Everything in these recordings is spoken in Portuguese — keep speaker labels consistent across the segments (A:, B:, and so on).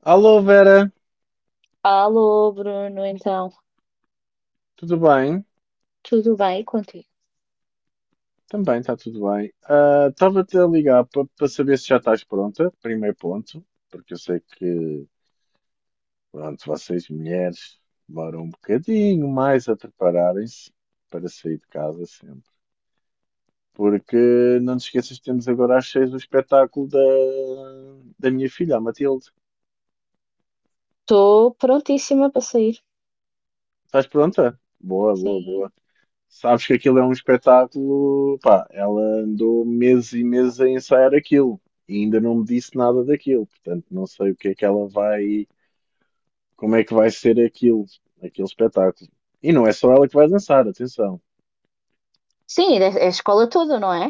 A: Alô Vera,
B: Alô, Bruno, então,
A: tudo bem?
B: tudo bem contigo?
A: Também está tudo bem. Estava-te a ligar para saber se já estás pronta, primeiro ponto, porque eu sei que, pronto, vocês mulheres demoram um bocadinho mais a prepararem-se para sair de casa sempre. Porque não te esqueças que temos agora às 6 o espetáculo da minha filha, a Matilde.
B: Estou prontíssima para sair.
A: Estás pronta? Boa, boa,
B: Sim.
A: boa. Sabes que aquilo é um espetáculo. Pá, ela andou meses e meses a ensaiar aquilo e ainda não me disse nada daquilo. Portanto, não sei o que é que ela vai. Como é que vai ser aquilo, aquele espetáculo. E não é só ela que vai dançar, atenção.
B: Sim, é a escola toda, não é?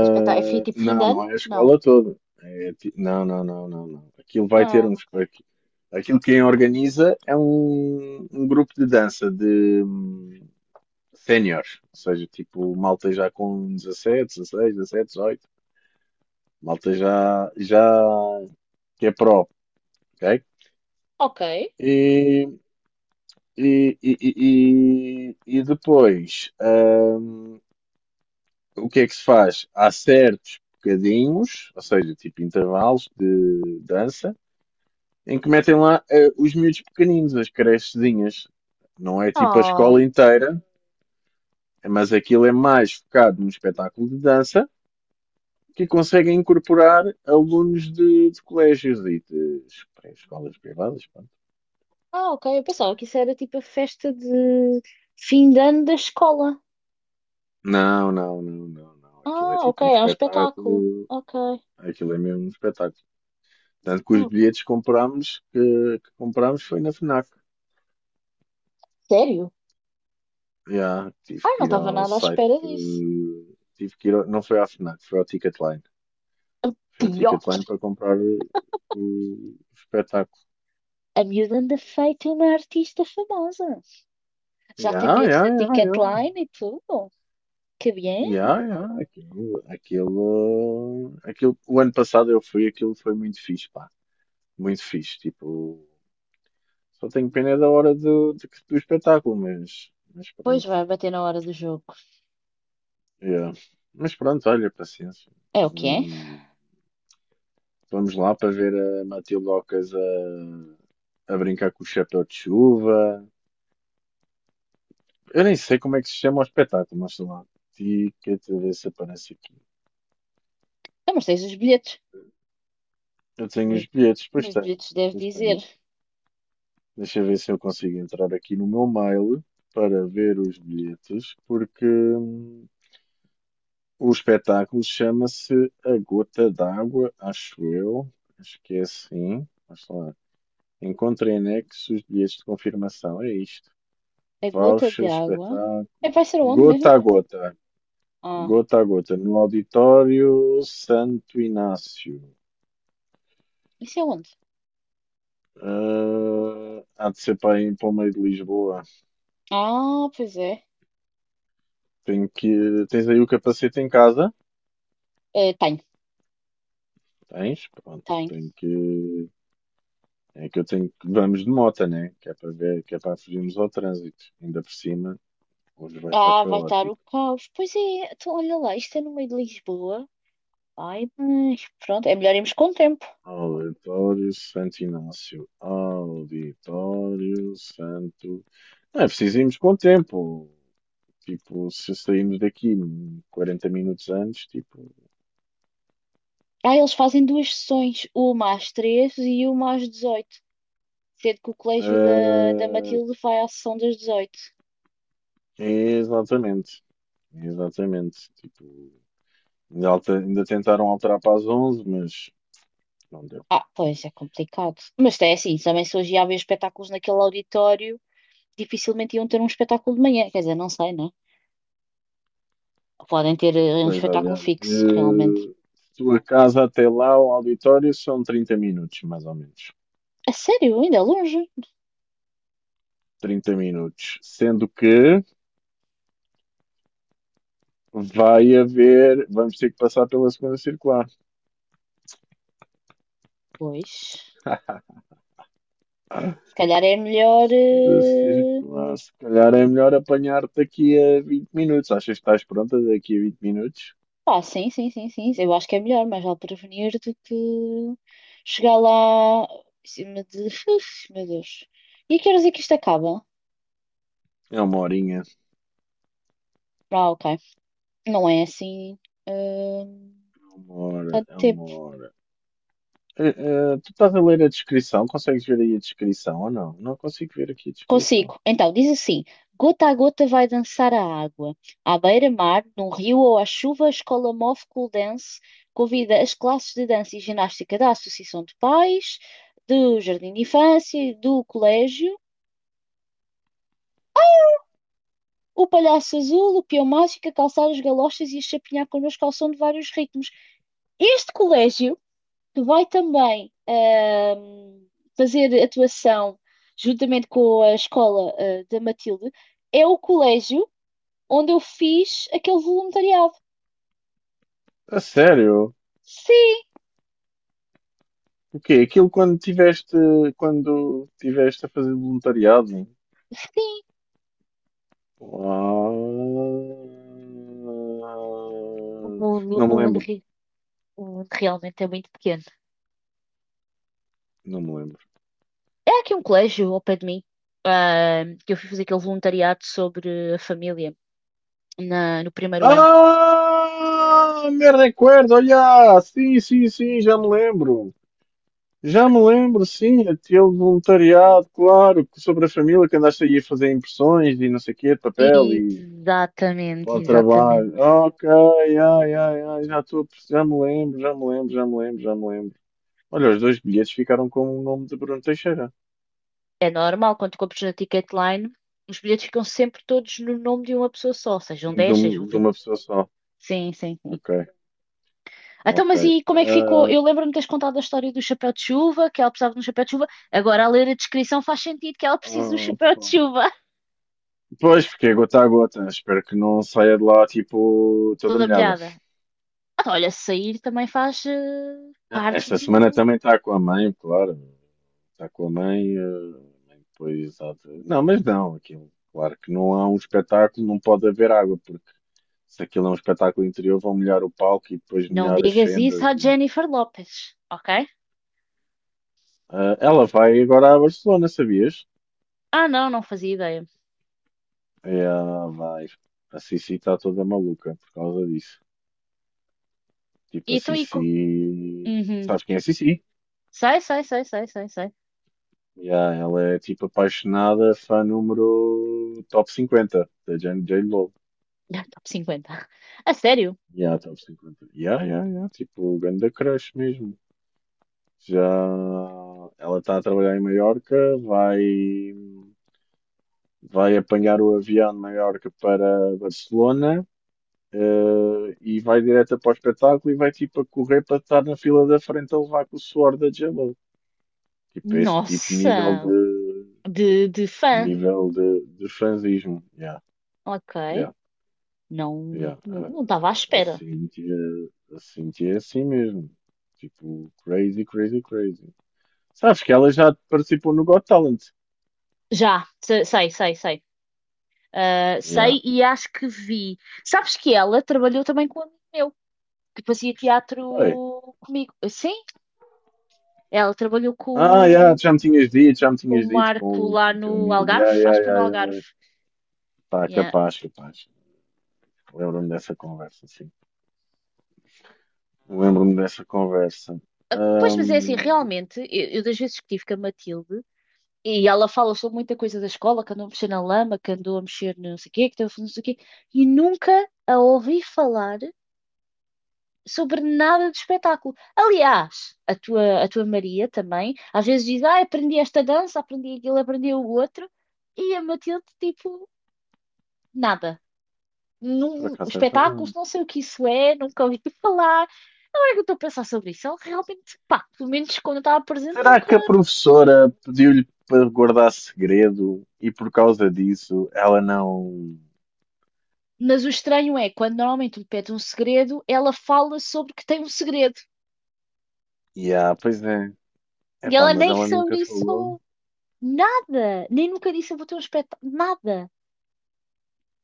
B: É, tipo fim de
A: não,
B: ano?
A: não é a
B: Não.
A: escola toda. Não, não, não, não, não. Aquilo vai ter
B: Ah,
A: um.
B: ok.
A: Espetáculo. Aquilo quem organiza é um grupo de dança de séniores, ou seja, tipo malta já com 17, 16, 17, 18. Malta já, já que é pró, ok?
B: Ok.
A: E, e depois, o que é que se faz? Há certos bocadinhos, ou seja, tipo intervalos de dança, em que metem lá os miúdos pequeninos, as crechezinhas. Não é tipo a
B: Oh.
A: escola inteira, mas aquilo é mais focado num espetáculo de dança que conseguem incorporar alunos de colégios e de escolas privadas. Pá.
B: Ah, ok. Eu pensava que isso era tipo a festa de fim de ano da escola.
A: Não, não, não, não, não. Aquilo é
B: Ah, ok.
A: tipo um
B: É um espetáculo.
A: espetáculo.
B: Ok.
A: Aquilo é mesmo um espetáculo. Tanto que os
B: Ok.
A: bilhetes que comprámos, que comprámos foi na FNAC.
B: Sério?
A: Já, tive
B: Ai, não
A: que ir
B: estava
A: ao
B: nada à
A: site.
B: espera disso.
A: Tive que ir. Não foi à FNAC, foi ao Ticketline. Foi ao
B: Pior.
A: Ticketline para comprar o espetáculo.
B: A miúda anda feita uma artista famosa. Já tem
A: Já,
B: bilhetes
A: já,
B: na
A: já, já.
B: Ticketline e tudo. Que bem.
A: Já, já. Aquilo. O ano passado eu fui, aquilo foi muito fixe, pá. Muito fixe. Tipo. Só tenho pena é da hora do espetáculo, mas
B: Pois
A: pronto.
B: vai bater na hora do jogo.
A: Yeah. Mas pronto, olha, paciência.
B: É o que é?
A: Hum, vamos lá para ver a Matilde Ocas a brincar com o chapéu de chuva. Eu nem sei como é que se chama o espetáculo, mas sei lá. Ticket, a ver se aparece aqui.
B: Ah, mas tens os bilhetes.
A: Eu tenho
B: Nos,
A: os bilhetes, pois
B: nos
A: tenho.
B: bilhetes deve
A: Pois
B: dizer
A: tenho. Deixa eu ver se eu consigo entrar aqui no meu mail para ver os bilhetes, porque o espetáculo chama-se A Gota d'Água, acho eu. Acho que é assim. Vamos lá. Encontre em anexo os bilhetes de confirmação. É isto.
B: a gota
A: Voucher,
B: de água.
A: espetáculo.
B: É, vai ser onde mesmo?
A: Gota a gota.
B: Ah,
A: Gota a gota. No auditório Santo Inácio.
B: isso é onde?
A: Ah, há de ser para ir para o meio de Lisboa.
B: Ah, pois é.
A: Tenho que... Tens aí o capacete em casa?
B: Tenho,
A: Tens? Pronto.
B: tenho.
A: Tenho que. É que eu tenho que. Vamos de moto, né? Que é para ver, que é para fugirmos ao trânsito. Ainda por cima, hoje vai estar
B: Ah, vai estar o
A: caótico.
B: caos. Pois é, então olha lá, isto é no meio de Lisboa. Ai, mas pronto, é melhor irmos com o tempo.
A: Auditório Santo Inácio. Auditório Santo. Não é preciso irmos com o tempo. Tipo, se sairmos daqui 40 minutos antes, tipo.
B: Ah, eles fazem duas sessões, uma às 13 e uma às 18. Sendo que o colégio da
A: Ah,
B: Matilde vai à sessão das 18.
A: exatamente. Exatamente. Tipo, ainda tentaram alterar para as 11, mas não deu.
B: Ah, pois é complicado. Mas é assim, também se hoje ia haver espetáculos naquele auditório, dificilmente iam ter um espetáculo de manhã. Quer dizer, não sei, né? Podem ter um
A: Pois
B: espetáculo
A: olha,
B: fixo, realmente.
A: de tua casa até lá, o auditório, são 30 minutos, mais ou menos.
B: A sério, ainda é longe?
A: 30 minutos. Sendo que. Vai haver, vamos ter que passar pela segunda circular.
B: Pois. Se calhar é melhor.
A: Da circular, se calhar é melhor apanhar daqui a 20 minutos. Achas que estás pronta daqui a 20 minutos?
B: Pá, sim, sim, sim, sim. Eu acho que é melhor, mas vale prevenir do que chegar lá em cima de. Uf, meu Deus. E a que horas é que isto acaba?
A: É uma horinha.
B: Ah, ok. Não é assim. eh,
A: É uma hora,
B: Tanto
A: é uma
B: tempo.
A: hora. Eh, tu estás a ler a descrição? Consegues ver aí a descrição ou não? Não consigo ver aqui a descrição.
B: Consigo. Então, diz assim: gota a gota vai dançar a água. À beira-mar, num rio ou à chuva, a escola Move Cool Dance convida as classes de dança e ginástica da Associação de Pais, do Jardim de Infância, e do Colégio, o Palhaço Azul, o Peão Mágico, a calçar as galochas e a chapinhar connosco ao som de vários ritmos. Este colégio que vai também fazer atuação juntamente com a escola da Matilde é o colégio onde eu fiz aquele voluntariado.
A: A sério?
B: Sim,
A: O quê? Aquilo quando tiveste a fazer voluntariado?
B: sim.
A: Ah,
B: O mundo,
A: não
B: o
A: me
B: mundo,
A: lembro.
B: o mundo realmente é muito pequeno.
A: Não me lembro.
B: É aqui um colégio ao pé de mim que eu fui fazer aquele voluntariado sobre a família no primeiro ano.
A: Ah, me recuerdo, olha, sim, sim, sim, já me lembro. Já me lembro, sim, aquele voluntariado, claro, que sobre a família que andaste aí a fazer impressões e não sei o quê, de papel e para
B: Exatamente,
A: o
B: exatamente.
A: trabalho. Ok, ai, ai, ai, já estou, já me lembro, já me lembro, já me lembro, já me lembro. Olha, os dois bilhetes ficaram com o nome de Bruno Teixeira,
B: É normal quando compras na Ticketline, os bilhetes ficam sempre todos no nome de uma pessoa só, sejam 10, sejam
A: de
B: 20.
A: uma pessoa só.
B: Sim, sim, sim.
A: Ok,
B: Então,
A: ok.
B: mas e como é que ficou?
A: Ah,
B: Eu lembro-me de teres contado a história do chapéu de chuva, que ela precisava de um chapéu de chuva. Agora, a ler a descrição, faz sentido que ela precise do chapéu de
A: pá.
B: chuva,
A: Pois, porque é gota a gota. Espero que não saia de lá, tipo, toda
B: toda
A: molhada.
B: molhada. Ah, olha, sair também faz
A: Ah,
B: parte
A: esta semana
B: do.
A: também está com a mãe, claro. Está com a mãe, a mãe depois há de... Não, mas não, aquilo. Claro que não há um espetáculo, não pode haver água, porque se aquilo é um espetáculo interior, vão molhar o palco e depois
B: Não
A: molhar as
B: digas isso
A: fendas.
B: à Jennifer Lopez, ok?
A: Ah, ela vai agora à Barcelona, sabias?
B: Ah, não, não fazia ideia.
A: É, ah, vai. A Sissi está toda maluca por causa disso. Tipo,
B: E
A: a
B: então.
A: Sissi.
B: Uhum.
A: Sabes quem é a Sissi?
B: Sei, sei, sei, sei, sei, sei.
A: Yeah, ela é tipo apaixonada, fã número top 50 da J Lo.
B: Ah, top 50. A sério?
A: Yeah, top cinquenta. Yeah, yeah, yeah. Tipo, grande crush mesmo. Já ela está a trabalhar em Maiorca, vai apanhar o avião de Maiorca para Barcelona, e vai direto para o espetáculo e vai tipo a correr para estar na fila da frente a levar com o suor da j. Tipo, esse tipo
B: Nossa! De fã.
A: nível de fanzismo. Yeah,
B: Ok.
A: yeah.
B: Não,
A: Yeah.
B: não
A: A
B: estava à espera.
A: Cíntia, a Cíntia é assim mesmo. Tipo, crazy, crazy, crazy. Sabes que ela já participou no Got Talent.
B: Já, sei, sei, sei. Ah,
A: Yeah.
B: sei e acho que vi. Sabes que ela trabalhou também com um amigo meu, que fazia teatro
A: Foi.
B: comigo. Sim, ela trabalhou
A: Ah, yeah,
B: o-
A: já me tinhas dito, já me
B: com
A: tinhas
B: o
A: dito
B: Marco
A: com
B: lá
A: o teu
B: no
A: amigo.
B: Algarve,
A: Yeah, yeah,
B: acho que foi no
A: yeah,
B: Algarve.
A: yeah. Pá,
B: Yeah.
A: capaz, capaz. Lembro-me dessa conversa, sim. Lembro-me dessa conversa.
B: Ah, pois, mas é assim,
A: Ahm,
B: realmente, eu das vezes que tive com a Matilde, e ela fala sobre muita coisa da escola, que andou a mexer na lama, que andou a mexer no não sei o quê, que estava a fazer não sei o quê, e nunca a ouvi falar sobre nada de espetáculo. Aliás, a tua Maria também, às vezes diz, ah, aprendi esta dança, aprendi aquilo, aprendi o outro, e a Matilde, tipo, nada.
A: por
B: Num,
A: acaso é
B: espetáculos,
A: verdade.
B: não sei o que isso é, nunca ouvi falar. Agora que eu estou a pensar sobre isso, ela realmente, pá, pelo menos quando eu estava presente,
A: Será
B: nunca.
A: que a professora pediu-lhe para guardar segredo e por causa disso ela não.
B: Mas o estranho é, quando normalmente lhe pede um segredo, ela fala sobre que tem um segredo.
A: Yeah, pois é.
B: E
A: Epá,
B: ela
A: mas
B: nem
A: ela
B: sobre
A: nunca
B: isso
A: falou.
B: falou. Nada! Nem nunca disse eu vou ter um espetáculo. Nada!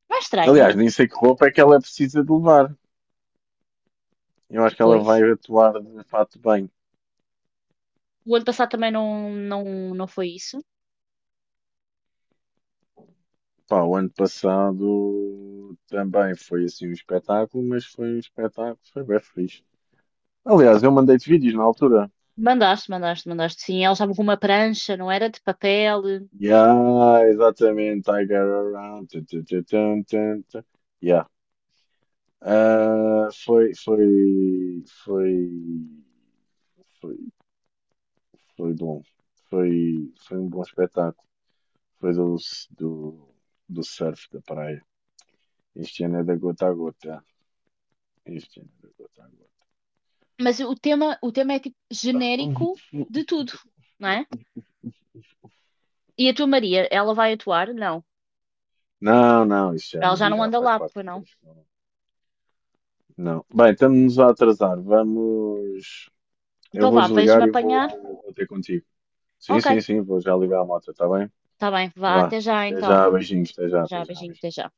B: Não é estranho?
A: Aliás, nem sei que roupa é que ela precisa de levar. Eu acho que ela vai
B: Depois.
A: atuar de fato bem.
B: O ano passado também não foi isso.
A: Pá, o ano passado também foi assim um espetáculo, mas foi um espetáculo, foi bem fixe. Aliás, eu mandei-te vídeos na altura.
B: Mandaste, mandaste, mandaste sim. Elas estavam com uma prancha, não era de papel,
A: Yeah, exatamente. I got around. Tu, tu, tu, tum, tum, tum. Yeah. Ah, foi, foi bom. Foi um bom espetáculo. Foi do, do surf da praia. Isto ainda é da gota a gota. Isto ainda é da gota a
B: mas o tema é, tipo,
A: gota.
B: genérico de tudo, não é. E a tua Maria, ela vai atuar? Não.
A: Não, não, isto já,
B: Ela já
A: Maria,
B: não
A: já
B: anda
A: faz
B: lá,
A: parte de
B: pois não?
A: outras coisas. Não. Bem, estamos a atrasar. Vamos. Eu
B: Então
A: vou
B: vá, vens-me
A: desligar e vou
B: apanhar?
A: ter contigo. Sim,
B: Ok,
A: sim, sim, vou já ligar a moto, está bem?
B: está bem, vá,
A: Vá.
B: até já
A: Até
B: então.
A: já, beijinhos,
B: Até
A: até
B: já,
A: já,
B: beijinho, até já.
A: beijinhos.